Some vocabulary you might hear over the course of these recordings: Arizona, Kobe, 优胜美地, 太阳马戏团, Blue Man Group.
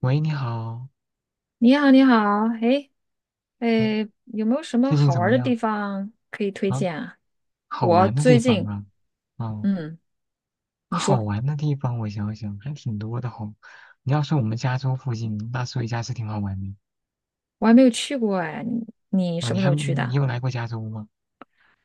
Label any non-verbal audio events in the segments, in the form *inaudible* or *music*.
喂，你好。你好，你好，哎，哎，哎，有没有什么最近好怎玩儿么的地样方可以推啊？荐啊？好我玩的地最方近，啊，哦，嗯，你好说，玩的地方，我想想还挺多的吼。你要说我们加州附近，那所以加是挺好玩的我还没有去过哎，你啊。什你么时还候没，去你的？有来过加州吗？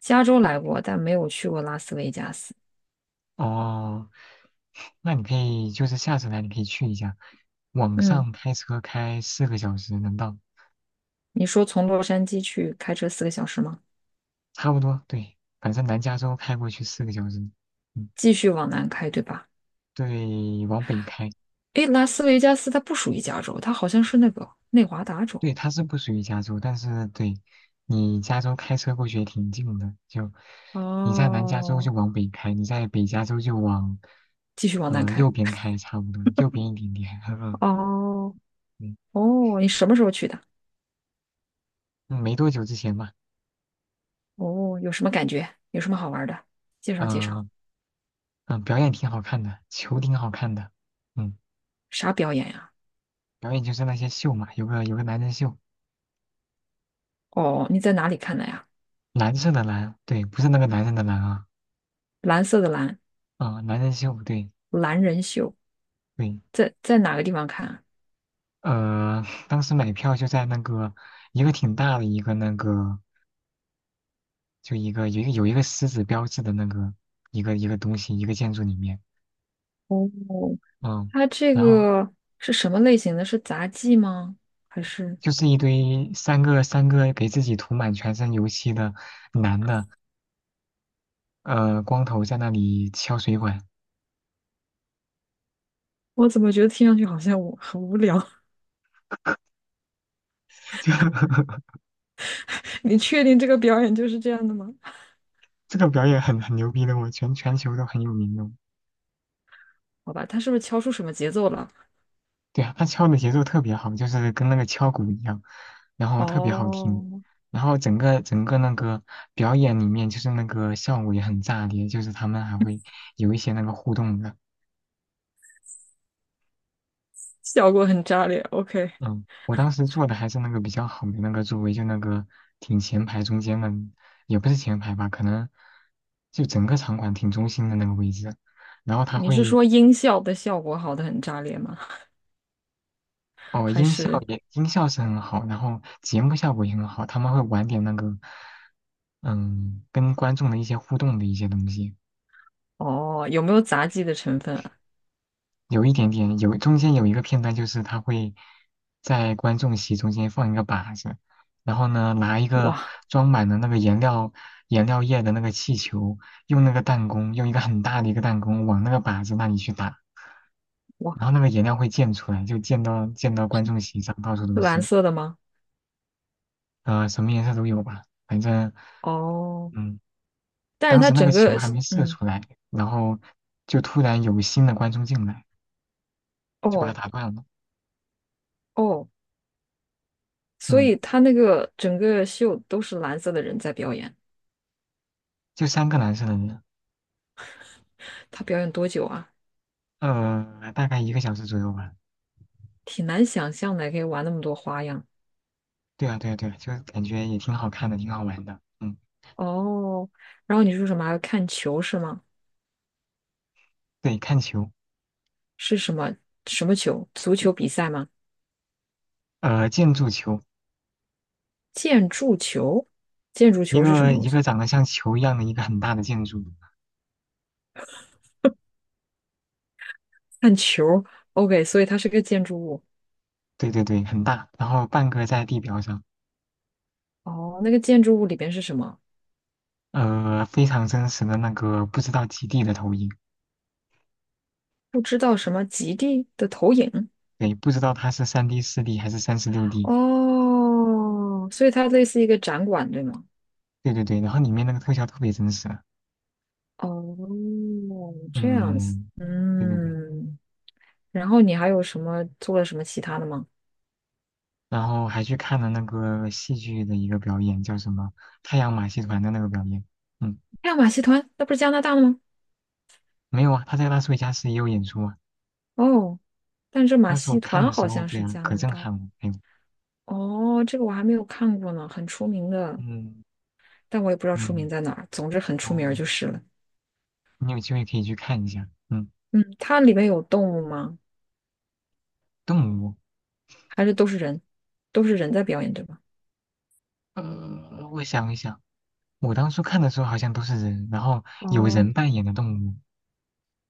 加州来过，但没有去过拉斯维加斯。哦，那你可以就是下次来，你可以去一下，往嗯，上开车开四个小时能到，你说从洛杉矶去开车4个小时吗？差不多，对，反正南加州开过去四个小时。嗯，继续往南开，对吧？对，往北开。哎，拉斯维加斯它不属于加州，它好像是那个内华达州。对，它是不属于加州，但是对你加州开车过去也挺近的，就你在南加州哦，就往北开，你在北加州就往继续往南开。右边开，差不多右边一点点。*laughs* 嗯哦嗯。哦，你什么时候去的？嗯没多久之前吧。哦，有什么感觉？有什么好玩的？介绍介绍。嗯嗯，表演挺好看的，球挺好看的。嗯，啥表演呀？表演就是那些秀嘛，有个男人秀，哦，你在哪里看的呀？蓝色的蓝，对，不是那个男人的蓝啊，蓝色的蓝，啊、男人秀，对蓝人秀，对。在哪个地方看啊？呃，*laughs* 当时买票就在那个一个挺大的一个那个。就一个有一个狮子标志的那个一个东西，一个建筑里面。哦，嗯，它这然后个是什么类型的？是杂技吗？还是就是一堆三个给自己涂满全身油漆的男的，光头在那里敲水管。我怎么觉得听上去好像我很无聊？*laughs* 就 *laughs* 你确定这个表演就是这样的吗？这个表演很牛逼的，我全球都很有名的。好吧，他是不是敲出什么节奏了？对啊，他敲的节奏特别好，就是跟那个敲鼓一样，然后特别好听。哦，然后整个那个表演里面，就是那个效果也很炸裂，就是他们还会有一些那个互动的。效果很炸裂。OK,嗯，我当时坐的还是那个比较好的那个座位，就那个挺前排中间的，也不是前排吧，可能就整个场馆挺中心的那个位置。然后他你是会，说音效的效果好的很炸裂吗？哦，还音效是？也音效是很好，然后节目效果也很好，他们会玩点那个，嗯，跟观众的一些互动的一些东西。哦，有没有杂技的成分啊？有一点点，中间有一个片段，就是他会在观众席中间放一个靶子，然后呢，拿一个哇装满了那个颜料液的那个气球，用那个弹弓，用一个很大的一个弹弓往那个靶子那里去打，哇，然后那个颜料会溅出来，就溅到观众席上，到处都是蓝是。色的吗？什么颜色都有吧，反正。哦，嗯，但是当它时那个整球个，还没射嗯，出来，然后就突然有新的观众进来，就把它哦打断了。哦，所嗯。以它那个整个秀都是蓝色的人在表演。就三个男生。他表演多久啊？大概1个小时左右吧。挺难想象的，可以玩那么多花样。对啊，对啊，对啊，就感觉也挺好看的，挺好玩的。嗯，哦，然后你说什么还要看球是吗？对，看球。是什么什么球？足球比赛吗？建筑球，建筑球？建筑一球是什个么东一西？个长得像球一样的一个很大的建筑，看球。OK,所以它是个建筑物。对对对，很大，然后半个在地表上。哦，那个建筑物里边是什么？非常真实的那个不知道几 D 的投影。不知道什么极地的投影对，不知道它是3D 4D 还是36D。 哦，所以它类似一个展馆，对吗？对对对，然后里面那个特效特别真实啊。哦，这样子，嗯，对对对。嗯，然后你还有什么做了什么其他的吗？然后还去看了那个戏剧的一个表演，叫什么太阳马戏团的那个表演。嗯，还有马戏团，那不是加拿大的吗？没有啊，他在拉斯维加斯也有演出啊。哦，但是马那时候戏看团的时好候，像对是啊，加可拿震大的撼了。哎呦。哦，这个我还没有看过呢，很出名的，嗯但我也不知道出名嗯，在哪儿。总之很出名儿哦，就是了。你有机会可以去看一下。嗯，嗯，它里面有动物吗？动物，还是都是人？都是人在表演，对吧？我想一想，我当初看的时候好像都是人，然后有哦，人扮演的动物。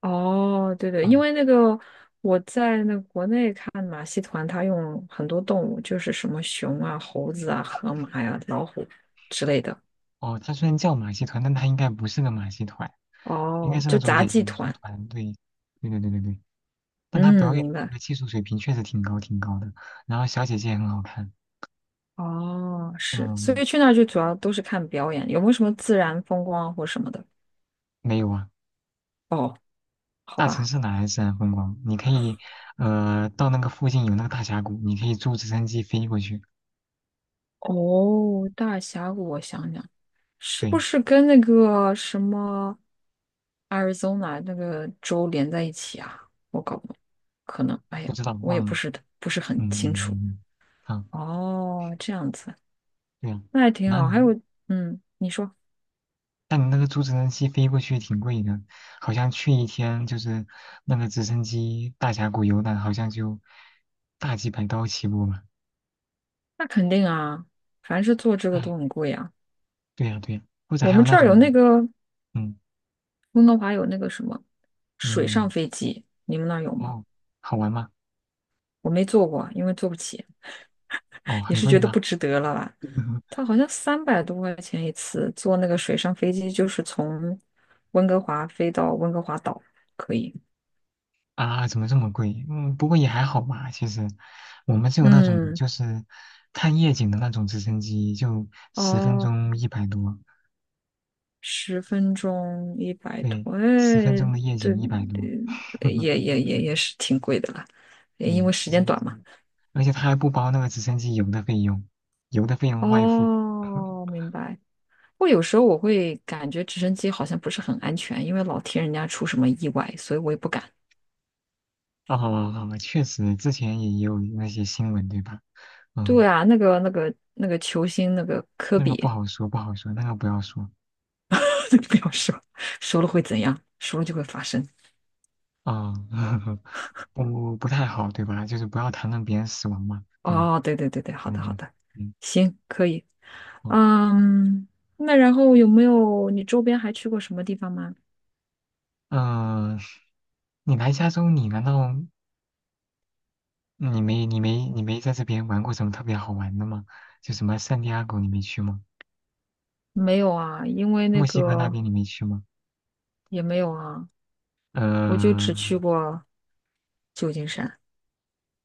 哦，对对，因嗯，为那个我在那个国内看马戏团，他用很多动物，就是什么熊啊、猴子啊、河马呀、老虎之类的。哦，它虽然叫马戏团，但它应该不是个马戏团，应该哦，是那就种杂演技演出团。团队。对对对对对。但她嗯，表演明那白。个技术水平确实挺高挺高的，然后小姐姐也很好看。哦，是，所嗯，以去那儿就主要都是看表演，有没有什么自然风光啊或什么的？没有啊，好大城吧。市哪来自然风光？你可以，到那个附近有那个大峡谷，你可以坐直升机飞过去。哦，大峡谷，我想想。是不对，是跟那个什么 Arizona 那个州连在一起啊？我搞不懂，可能，哎不呀，知道我也忘不了。是不是嗯很清楚。嗯嗯，啊，哦，这样子，对啊，那还挺那好。还有，你，嗯，你说，但你那个坐直升机飞过去挺贵的，好像去一天就是那个直升机大峡谷游览，好像就大几百刀起步吧。那肯定啊，凡是做这个哎，都很贵啊。对呀对呀，或者我还有们那这儿有那种。个嗯温哥华有那个什么水上嗯。飞机，你们那儿有吗？哦，好玩吗？我没坐过，因为坐不起，*laughs* 哦，也很是贵觉得吗？不值得了吧。*laughs* 它好像300多块钱一次，坐那个水上飞机，就是从温哥华飞到温哥华岛，可以。啊，怎么这么贵？嗯，不过也还好吧。其实，我们就有那种嗯，就是看夜景的那种直升机，就十分哦，钟一百多。十分钟一百对，多，哎，十分钟的夜对，景一百多。*laughs* 也是挺贵的啦，因对，为时直间升短嘛。机，而且它还不包那个直升机油的费用，油的费用外付。哦，*laughs* 明白。我有时候我会感觉直升机好像不是很安全，因为老听人家出什么意外，所以我也不敢。哦，确实，之前也有那些新闻，对吧？对嗯，啊，那个球星那个科那个不比，好说，不好说，那个不要说。*laughs* 不要说，说了会怎样？说了就会发生。啊、*laughs* 不太好，对吧？就是不要谈论别人死亡嘛，对吧？哦，对对对对，好的嗯好嗯的，嗯，行，可以。哦，嗯，那然后有没有你周边还去过什么地方吗？嗯、你来加州，你难道你没在这边玩过什么特别好玩的吗？就什么圣地亚哥你没去吗？没有啊，因为那墨西哥那个边你没去吗？也没有啊，我就呃，只去过旧金山。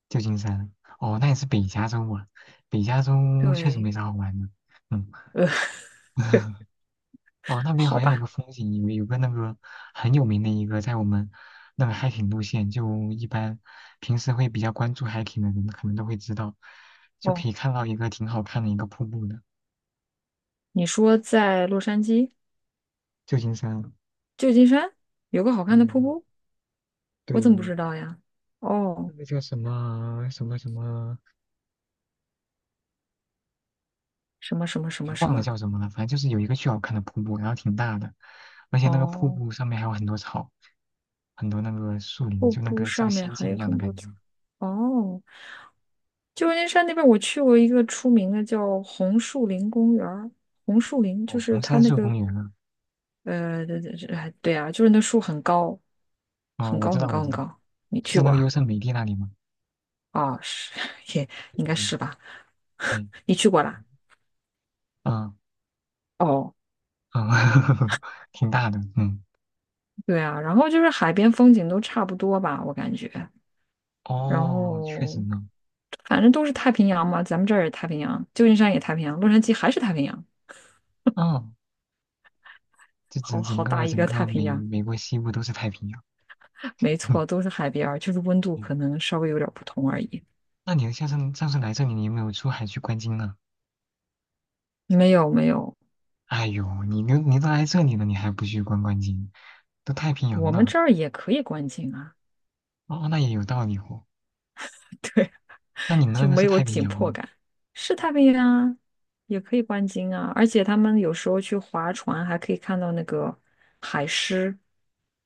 旧金山，哦，那也是北加州啊，北加州确实对，没啥好玩的。嗯。呃，*laughs* 哦，那 *laughs* 边好好像有个吧。风景，有个那个很有名的一个，在我们那个 hiking 路线，就一般平时会比较关注 hiking 的人，可能都会知道，就哦，可以看到一个挺好看的一个瀑布的，你说在洛杉矶、旧金山。旧金山有个好看的瀑嗯，布，我怎么不对，知道呀？那哦，个叫什么什么什么，什么什么什哎么什忘了么。叫什么了，反正就是有一个巨好看的瀑布，然后挺大的，而且那个瀑哦，布上面还有很多草，很多那个树林，瀑就那布个上像面仙还境一有样的很多感草。觉。哦，旧金山那边我去过一个出名的叫红树林公园儿红树林哦，就是红它杉那树个公园啊，呃，哎对啊，就是那树很高，哦，很我高知很道，我高知很道，高。你就去在那过个优啊？胜美地那里吗？哦，是，*laughs* 也应对该对是吧？对。你去过啦？嗯。哦，嗯 *laughs* 挺大的。嗯，对啊，然后就是海边风景都差不多吧，我感觉。然哦，确实后呢。反正都是太平洋嘛，咱们这儿也太平洋，旧金山也太平洋，洛杉矶还是太平洋，嗯，这好整整好个大一整个个太平美洋。美国西部都是太平洋。没 *laughs* 错，都是海边儿，就是温度嗯，可能稍微有点儿不同而已。那你上次来这里，你有没有出海去观鲸呢？没有没有，哎呦，你都来这里了，你还不去观鲸，都太平洋我们了。这儿也可以观鲸啊，哦，那也有道理哦。*laughs* 对，那你们那就个没是有太平紧洋迫吗？感。是太平洋啊，也可以观鲸啊，而且他们有时候去划船还可以看到那个海狮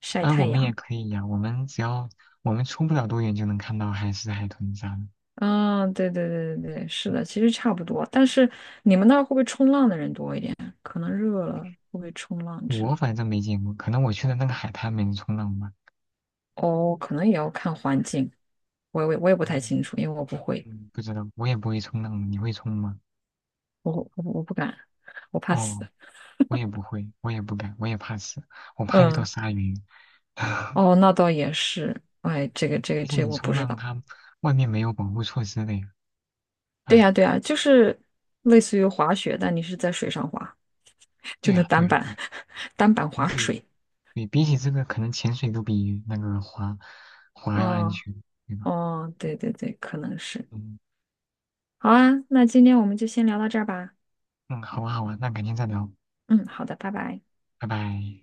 晒啊，我太们也阳。可以呀，我们出不了多远就能看到海狮、海豚啥的。嗯，对对对对对，是嗯的，其实差不多。但是你们那儿会不会冲浪的人多一点？可能热了会不会冲浪之我类反正没见过，可能我去的那个海滩没人冲浪吧。的？哦，可能也要看环境，我也不太清嗯楚，因为我不会。嗯不知道，我也不会冲浪，你会冲吗？我不敢，我怕死。哦，我也不会，我也不敢，我也怕死，我怕遇到嗯，鲨鱼。*laughs* 哦，那倒也是。哎，这个这个而且这个你我不冲知浪，道。它外面没有保护措施的呀。对哎，呀对呀，就是类似于滑雪，但你是在水上滑，就对那呀，对单呀，板 对呀，*laughs* 单板比滑起水。对比起这个，可能潜水都比那个滑要安哦全，对吧？哦，对对对，可能是。嗯好啊，那今天我们就先聊到这儿吧。嗯，好啊，好啊，那改天再聊，嗯，好的，拜拜。拜拜。